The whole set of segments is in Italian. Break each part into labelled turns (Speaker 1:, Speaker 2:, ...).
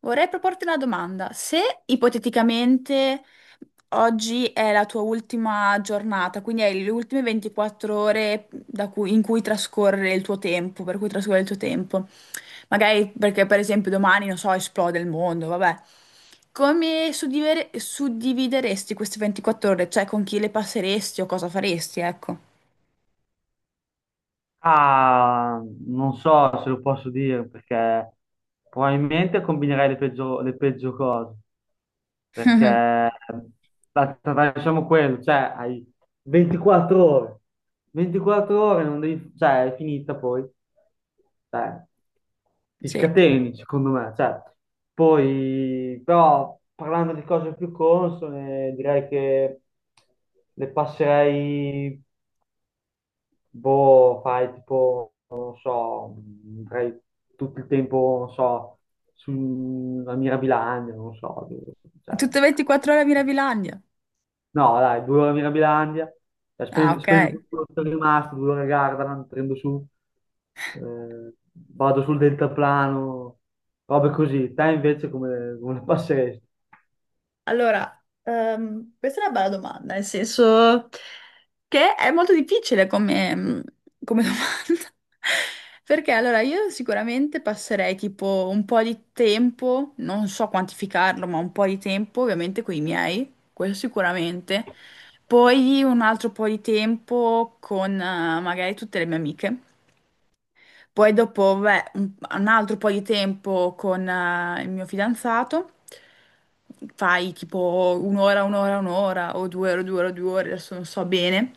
Speaker 1: Vorrei proporti una domanda. Se ipoteticamente oggi è la tua ultima giornata, quindi hai le ultime 24 ore in cui trascorre il tuo tempo, per cui trascorre il tuo tempo, magari perché per esempio domani, non so, esplode il mondo, vabbè. Come suddivideresti queste 24 ore? Cioè con chi le passeresti o cosa faresti, ecco.
Speaker 2: Ah, Non so se lo posso dire perché probabilmente combinerei le peggio cose. Perché facciamo quello, cioè hai 24 ore, 24 ore non devi, cioè è finita poi, cioè, ti
Speaker 1: Sì.
Speaker 2: scateni secondo me, cioè, poi però parlando di cose più consone direi che le passerei. Boh, fai tipo, non so, andrei tutto il tempo, non so, sulla Mirabilandia, non so, cioè,
Speaker 1: Tutte 24 ore a Mirabilandia.
Speaker 2: no, dai, due ore a Mirabilandia, cioè,
Speaker 1: Ah, ok.
Speaker 2: spendo tutto quello che è rimasto, due ore a Gardaland, prendo su, vado sul deltaplano, robe così. Te invece come, come la passeresti?
Speaker 1: Allora, questa è una bella domanda, nel senso che è molto difficile come, come domanda. Perché allora io sicuramente passerei tipo un po' di tempo, non so quantificarlo, ma un po' di tempo ovviamente con i miei, quello sicuramente. Poi un altro po' di tempo con magari tutte le mie amiche. Poi dopo, beh, un altro po' di tempo con il mio fidanzato, fai tipo un'ora, un'ora, un'ora, o due ore, due ore, due ore, adesso non so bene.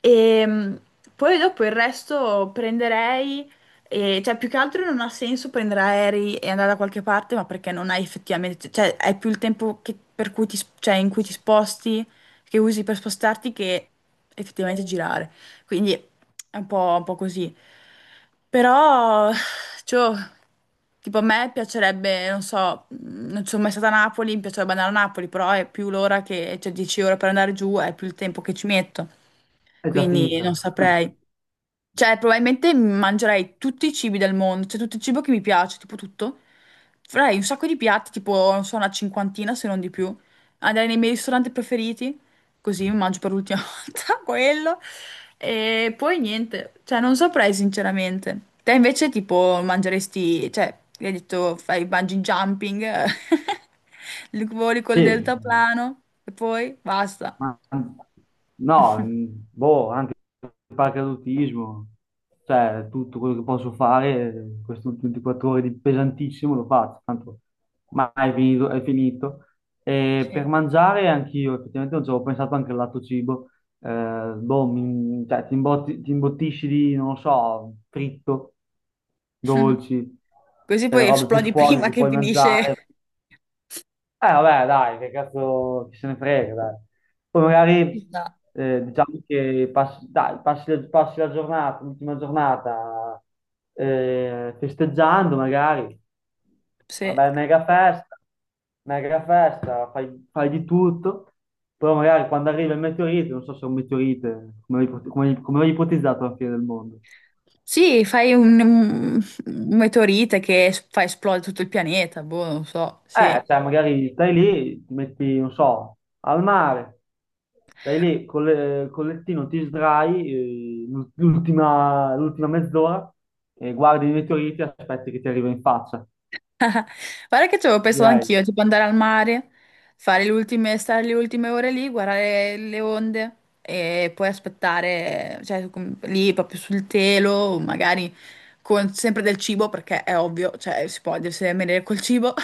Speaker 1: E poi dopo il resto prenderei, cioè più che altro non ha senso prendere aerei e andare da qualche parte, ma perché non hai effettivamente, cioè hai più il tempo per cui ti, cioè, in cui ti sposti, che usi per spostarti, che effettivamente girare. Quindi è un po' così. Però, cioè, tipo a me piacerebbe, non so, non sono mai stata a Napoli, mi piacerebbe andare a Napoli, però è più l'ora che, cioè 10 ore per andare giù, è più il tempo che ci metto.
Speaker 2: È già
Speaker 1: Quindi non
Speaker 2: finita.
Speaker 1: saprei. Cioè, probabilmente mangerei tutti i cibi del mondo, cioè tutto il cibo che mi piace, tipo tutto. Farei un sacco di piatti, tipo, non so, una cinquantina se non di più. Andrei nei miei ristoranti preferiti, così mi mangio per l'ultima volta quello. E poi niente, cioè non saprei sinceramente. Te invece tipo mangeresti, cioè, hai detto fai bungee jumping, voli col
Speaker 2: Sì,
Speaker 1: deltaplano e poi basta.
Speaker 2: Ma- no, boh, anche il paracadutismo, cioè tutto quello che posso fare, queste ultime 24 ore di pesantissimo lo faccio, tanto mai è finito, è finito. E per
Speaker 1: Sì.
Speaker 2: mangiare anch'io, effettivamente non ci avevo pensato anche al lato cibo. Boh, cioè, ti imbottisci di, non lo so, fritto, dolci,
Speaker 1: Così poi
Speaker 2: robe più
Speaker 1: esplodi
Speaker 2: sporche
Speaker 1: prima
Speaker 2: che
Speaker 1: che
Speaker 2: puoi mangiare,
Speaker 1: finisce.
Speaker 2: vabbè, dai, che cazzo chi se ne frega, dai. Poi
Speaker 1: Ci
Speaker 2: magari
Speaker 1: sta.
Speaker 2: diciamo che passi, dai, passi la giornata, l'ultima giornata festeggiando, magari.
Speaker 1: Sì.
Speaker 2: Una bella mega festa, fai, fai di tutto. Però magari quando arriva il meteorite, non so se è un meteorite, come come come l'hai ipotizzato alla fine del mondo.
Speaker 1: Sì, fai un meteorite che fa esplodere tutto il pianeta, boh, non so, sì.
Speaker 2: Cioè magari stai lì, ti metti, non so, al mare, stai lì col, col lettino, ti sdrai, l'ultima mezz'ora, e guardi i meteoriti e aspetti che ti arriva in faccia,
Speaker 1: Guarda che ci avevo pensato
Speaker 2: direi.
Speaker 1: anch'io, tipo andare al mare, fare le ultime, stare le ultime ore lì, guardare le onde e poi aspettare, cioè lì proprio sul telo, magari con sempre del cibo, perché è ovvio, cioè si può deve venire col cibo.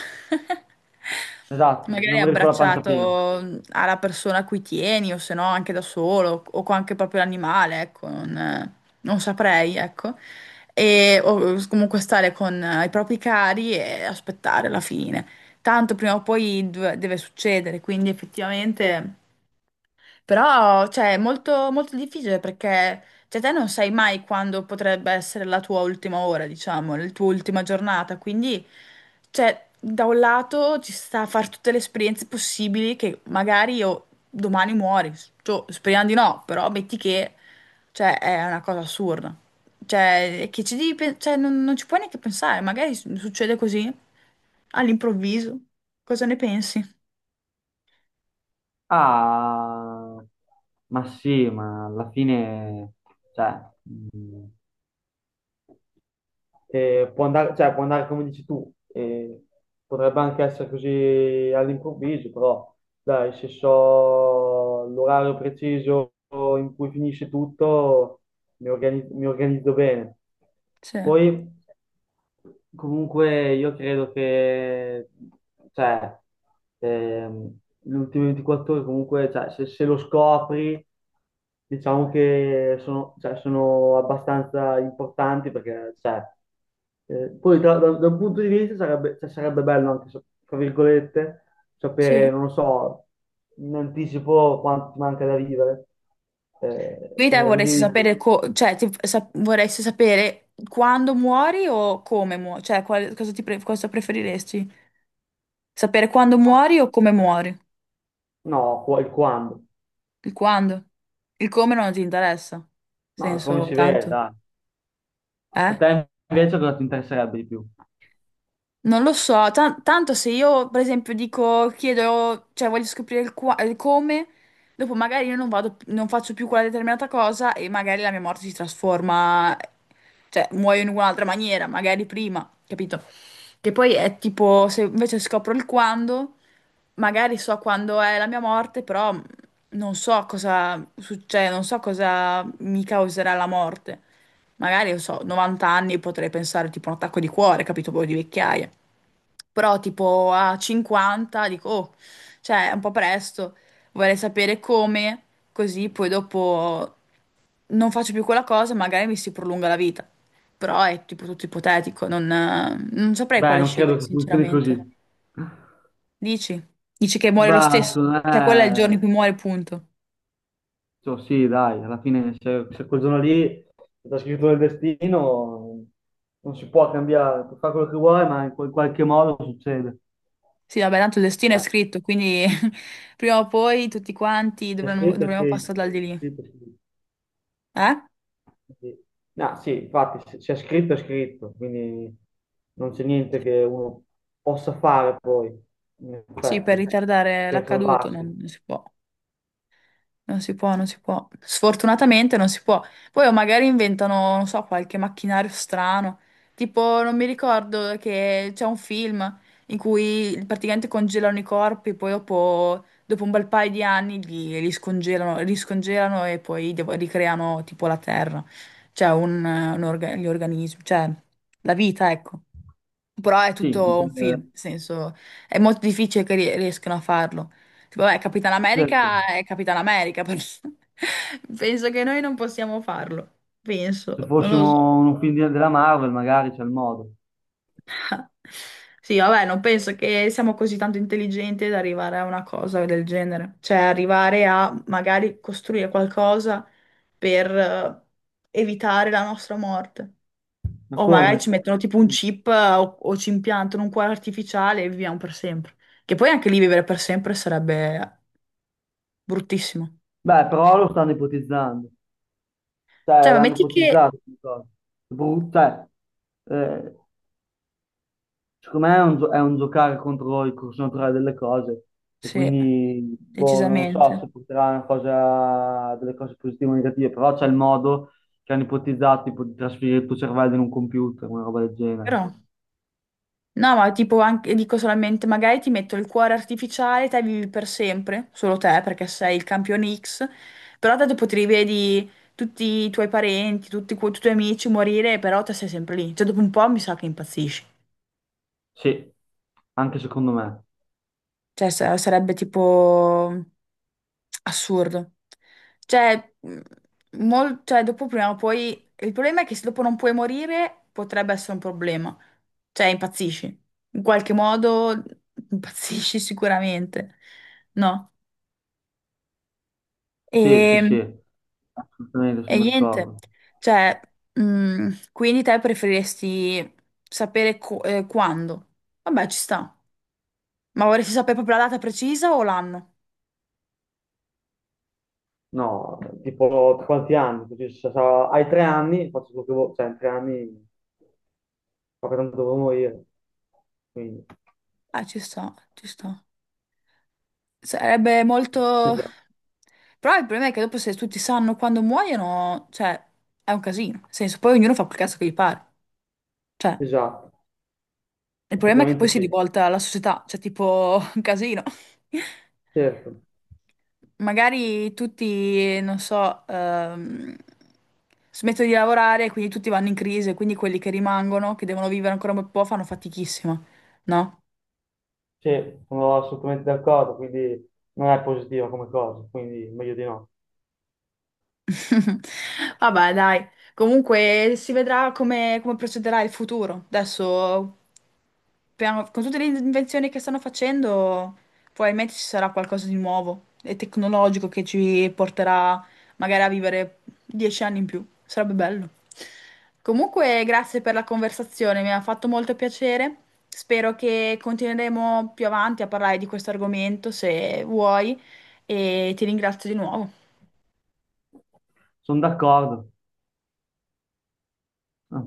Speaker 2: Esatto, bisogna
Speaker 1: Magari
Speaker 2: morire con la pancia piena.
Speaker 1: abbracciato alla persona a cui tieni, o se no anche da solo, o con anche proprio l'animale, ecco, non, non saprei, ecco e o comunque stare con i propri cari e aspettare la fine. Tanto prima o poi deve succedere, quindi effettivamente. Però, cioè, è molto, molto difficile perché, cioè, te non sai mai quando potrebbe essere la tua ultima ora, diciamo, la tua ultima giornata. Quindi, cioè, da un lato ci sta a fare tutte le esperienze possibili che magari io domani muori. Cioè, speriamo di no, però metti che, cioè, è una cosa assurda. Cioè, che ci devi, cioè, non, non ci puoi neanche pensare. Magari succede così, all'improvviso. Cosa ne pensi?
Speaker 2: Ah, ma sì, ma alla fine, cioè, eh, può andare, cioè, può andare come dici tu, potrebbe anche essere così all'improvviso, però dai, se so l'orario preciso in cui finisce tutto, mi organizzo bene.
Speaker 1: Sì,
Speaker 2: Poi. Comunque io credo che cioè, le ultime 24 ore comunque cioè, se lo scopri diciamo che sono, cioè, sono abbastanza importanti perché cioè, poi da, da un punto di vista sarebbe, cioè, sarebbe bello anche tra virgolette sapere
Speaker 1: sì.
Speaker 2: non lo so in anticipo quanto ti manca da vivere,
Speaker 1: Vita
Speaker 2: perché così
Speaker 1: vorresti sapere,
Speaker 2: dici,
Speaker 1: cioè, vorresti sapere quando muori o come muori? Cioè, cosa preferiresti? Sapere quando muori o come muori?
Speaker 2: no il quando,
Speaker 1: Il quando? Il come non ti interessa?
Speaker 2: no come
Speaker 1: Senso,
Speaker 2: si vede
Speaker 1: tanto?
Speaker 2: dai. A
Speaker 1: Eh?
Speaker 2: te invece cosa ti interesserebbe di più?
Speaker 1: Non lo so, tanto se io per esempio dico, chiedo, cioè voglio scoprire il, il come, dopo magari io non vado, non faccio più quella determinata cosa e magari la mia morte si trasforma, cioè muoio in un'altra maniera, magari prima, capito? Che poi è tipo, se invece scopro il quando, magari so quando è la mia morte, però non so cosa succede, non so cosa mi causerà la morte. Magari, non so, 90 anni potrei pensare tipo un attacco di cuore, capito? Poi di vecchiaia. Però tipo a 50 dico, oh, cioè è un po' presto, vorrei sapere come, così poi dopo non faccio più quella cosa, magari mi si prolunga la vita. Però è tipo tutto ipotetico, non, non saprei
Speaker 2: Beh,
Speaker 1: quale
Speaker 2: non
Speaker 1: scegliere
Speaker 2: credo che funzioni così.
Speaker 1: sinceramente. Dici? Dici che muore lo
Speaker 2: Beh,
Speaker 1: stesso?
Speaker 2: secondo
Speaker 1: Cioè quello è il giorno
Speaker 2: me,
Speaker 1: in cui muore, punto.
Speaker 2: cioè, sì, dai, alla fine se, se quel giorno lì è già scritto nel destino, non si può cambiare, puoi fare quello che vuoi, ma in qualche modo succede.
Speaker 1: Sì, vabbè, tanto il destino è
Speaker 2: Eh,
Speaker 1: scritto, quindi prima o poi tutti quanti
Speaker 2: È
Speaker 1: dovremmo,
Speaker 2: scritto, è
Speaker 1: dovremmo passare
Speaker 2: scritto,
Speaker 1: dal di
Speaker 2: è
Speaker 1: lì.
Speaker 2: scritto, è scritto.
Speaker 1: Eh?
Speaker 2: Sì. No, sì, infatti, se è scritto, è scritto, quindi non c'è niente
Speaker 1: Sì,
Speaker 2: che uno possa fare poi, in
Speaker 1: sì, per
Speaker 2: effetti,
Speaker 1: ritardare
Speaker 2: per
Speaker 1: l'accaduto
Speaker 2: salvarsi.
Speaker 1: non si può. Non si può, non si può. Sfortunatamente non si può. Poi o magari inventano, non so, qualche macchinario strano. Tipo, non mi ricordo che c'è un film in cui praticamente congelano i corpi, poi dopo, dopo un bel paio di anni li scongelano e poi ricreano tipo la terra. Cioè, gli organismi, cioè la vita, ecco. Però è
Speaker 2: Sì, in
Speaker 1: tutto un film, nel senso, è molto difficile che riescano a farlo. Tipo, vabbè, Capitan
Speaker 2: certo,
Speaker 1: America è Capitan America, però penso che noi non possiamo farlo.
Speaker 2: se
Speaker 1: Penso, non lo so.
Speaker 2: fossimo un film della Marvel magari c'è il modo.
Speaker 1: Sì, vabbè, non penso che siamo così tanto intelligenti da arrivare a una cosa del genere. Cioè, arrivare a magari costruire qualcosa per evitare la nostra morte.
Speaker 2: Ma
Speaker 1: O
Speaker 2: come?
Speaker 1: magari ci mettono tipo un chip o ci impiantano un cuore artificiale e viviamo per sempre. Che poi anche lì vivere per sempre sarebbe bruttissimo.
Speaker 2: Beh, però lo stanno ipotizzando,
Speaker 1: Cioè,
Speaker 2: cioè
Speaker 1: ma
Speaker 2: l'hanno
Speaker 1: metti che...
Speaker 2: ipotizzato questa cosa. Cioè, eh, secondo me è un, è un giocare contro il corso naturale delle cose e
Speaker 1: Sì,
Speaker 2: quindi, boh, non lo so
Speaker 1: decisamente.
Speaker 2: se porterà a una cosa, delle cose positive o negative, però c'è il modo che hanno ipotizzato tipo di trasferire il tuo cervello in un computer, una roba del genere.
Speaker 1: Però... No, ma tipo anche, dico solamente, magari ti metto il cuore artificiale, te vivi per sempre, solo te perché sei il campione X, però te dopo ti rivedi tutti i tuoi parenti, tutti, i tuoi amici morire, però te sei sempre lì. Cioè, dopo un po' mi sa che impazzisci.
Speaker 2: Sì, anche secondo me.
Speaker 1: Cioè, sarebbe tipo assurdo. Cioè, cioè, dopo prima o poi... Il problema è che se dopo non puoi morire, potrebbe essere un problema. Cioè, impazzisci. In qualche modo impazzisci sicuramente. No?
Speaker 2: Sì, sì,
Speaker 1: E,
Speaker 2: sì, assolutamente
Speaker 1: e
Speaker 2: sono
Speaker 1: niente.
Speaker 2: d'accordo.
Speaker 1: Cioè, quindi te preferiresti sapere quando? Vabbè, ci sta. Ma vorresti sapere proprio la data precisa o l'anno?
Speaker 2: No, tipo quanti anni? Così, se hai 3 anni, faccio quello che vuoi, cioè in 3 anni ma che tanto devo morire. Quindi,
Speaker 1: Ah, ci sta, ci sta. Sarebbe molto...
Speaker 2: esatto,
Speaker 1: Però il problema è che dopo se tutti sanno quando muoiono, cioè, è un casino. Nel senso, poi ognuno fa quel cazzo che gli pare. Cioè,
Speaker 2: esatto,
Speaker 1: il problema è che
Speaker 2: effettivamente
Speaker 1: poi si
Speaker 2: sì,
Speaker 1: rivolta alla società, cioè, tipo, un casino.
Speaker 2: certo,
Speaker 1: Magari tutti, non so, smettono di lavorare, e quindi tutti vanno in crisi, e quindi quelli che rimangono, che devono vivere ancora un bel po', fanno fatichissima, no?
Speaker 2: sì, sono assolutamente d'accordo, quindi non è positiva come cosa, quindi meglio di no.
Speaker 1: Vabbè, dai, comunque si vedrà come, come procederà il futuro. Adesso, con tutte le invenzioni che stanno facendo, probabilmente ci sarà qualcosa di nuovo e tecnologico che ci porterà magari a vivere 10 anni in più. Sarebbe bello. Comunque, grazie per la conversazione, mi ha fatto molto piacere. Spero che continueremo più avanti a parlare di questo argomento, se vuoi, e ti ringrazio di nuovo.
Speaker 2: Sono d'accordo. Ah.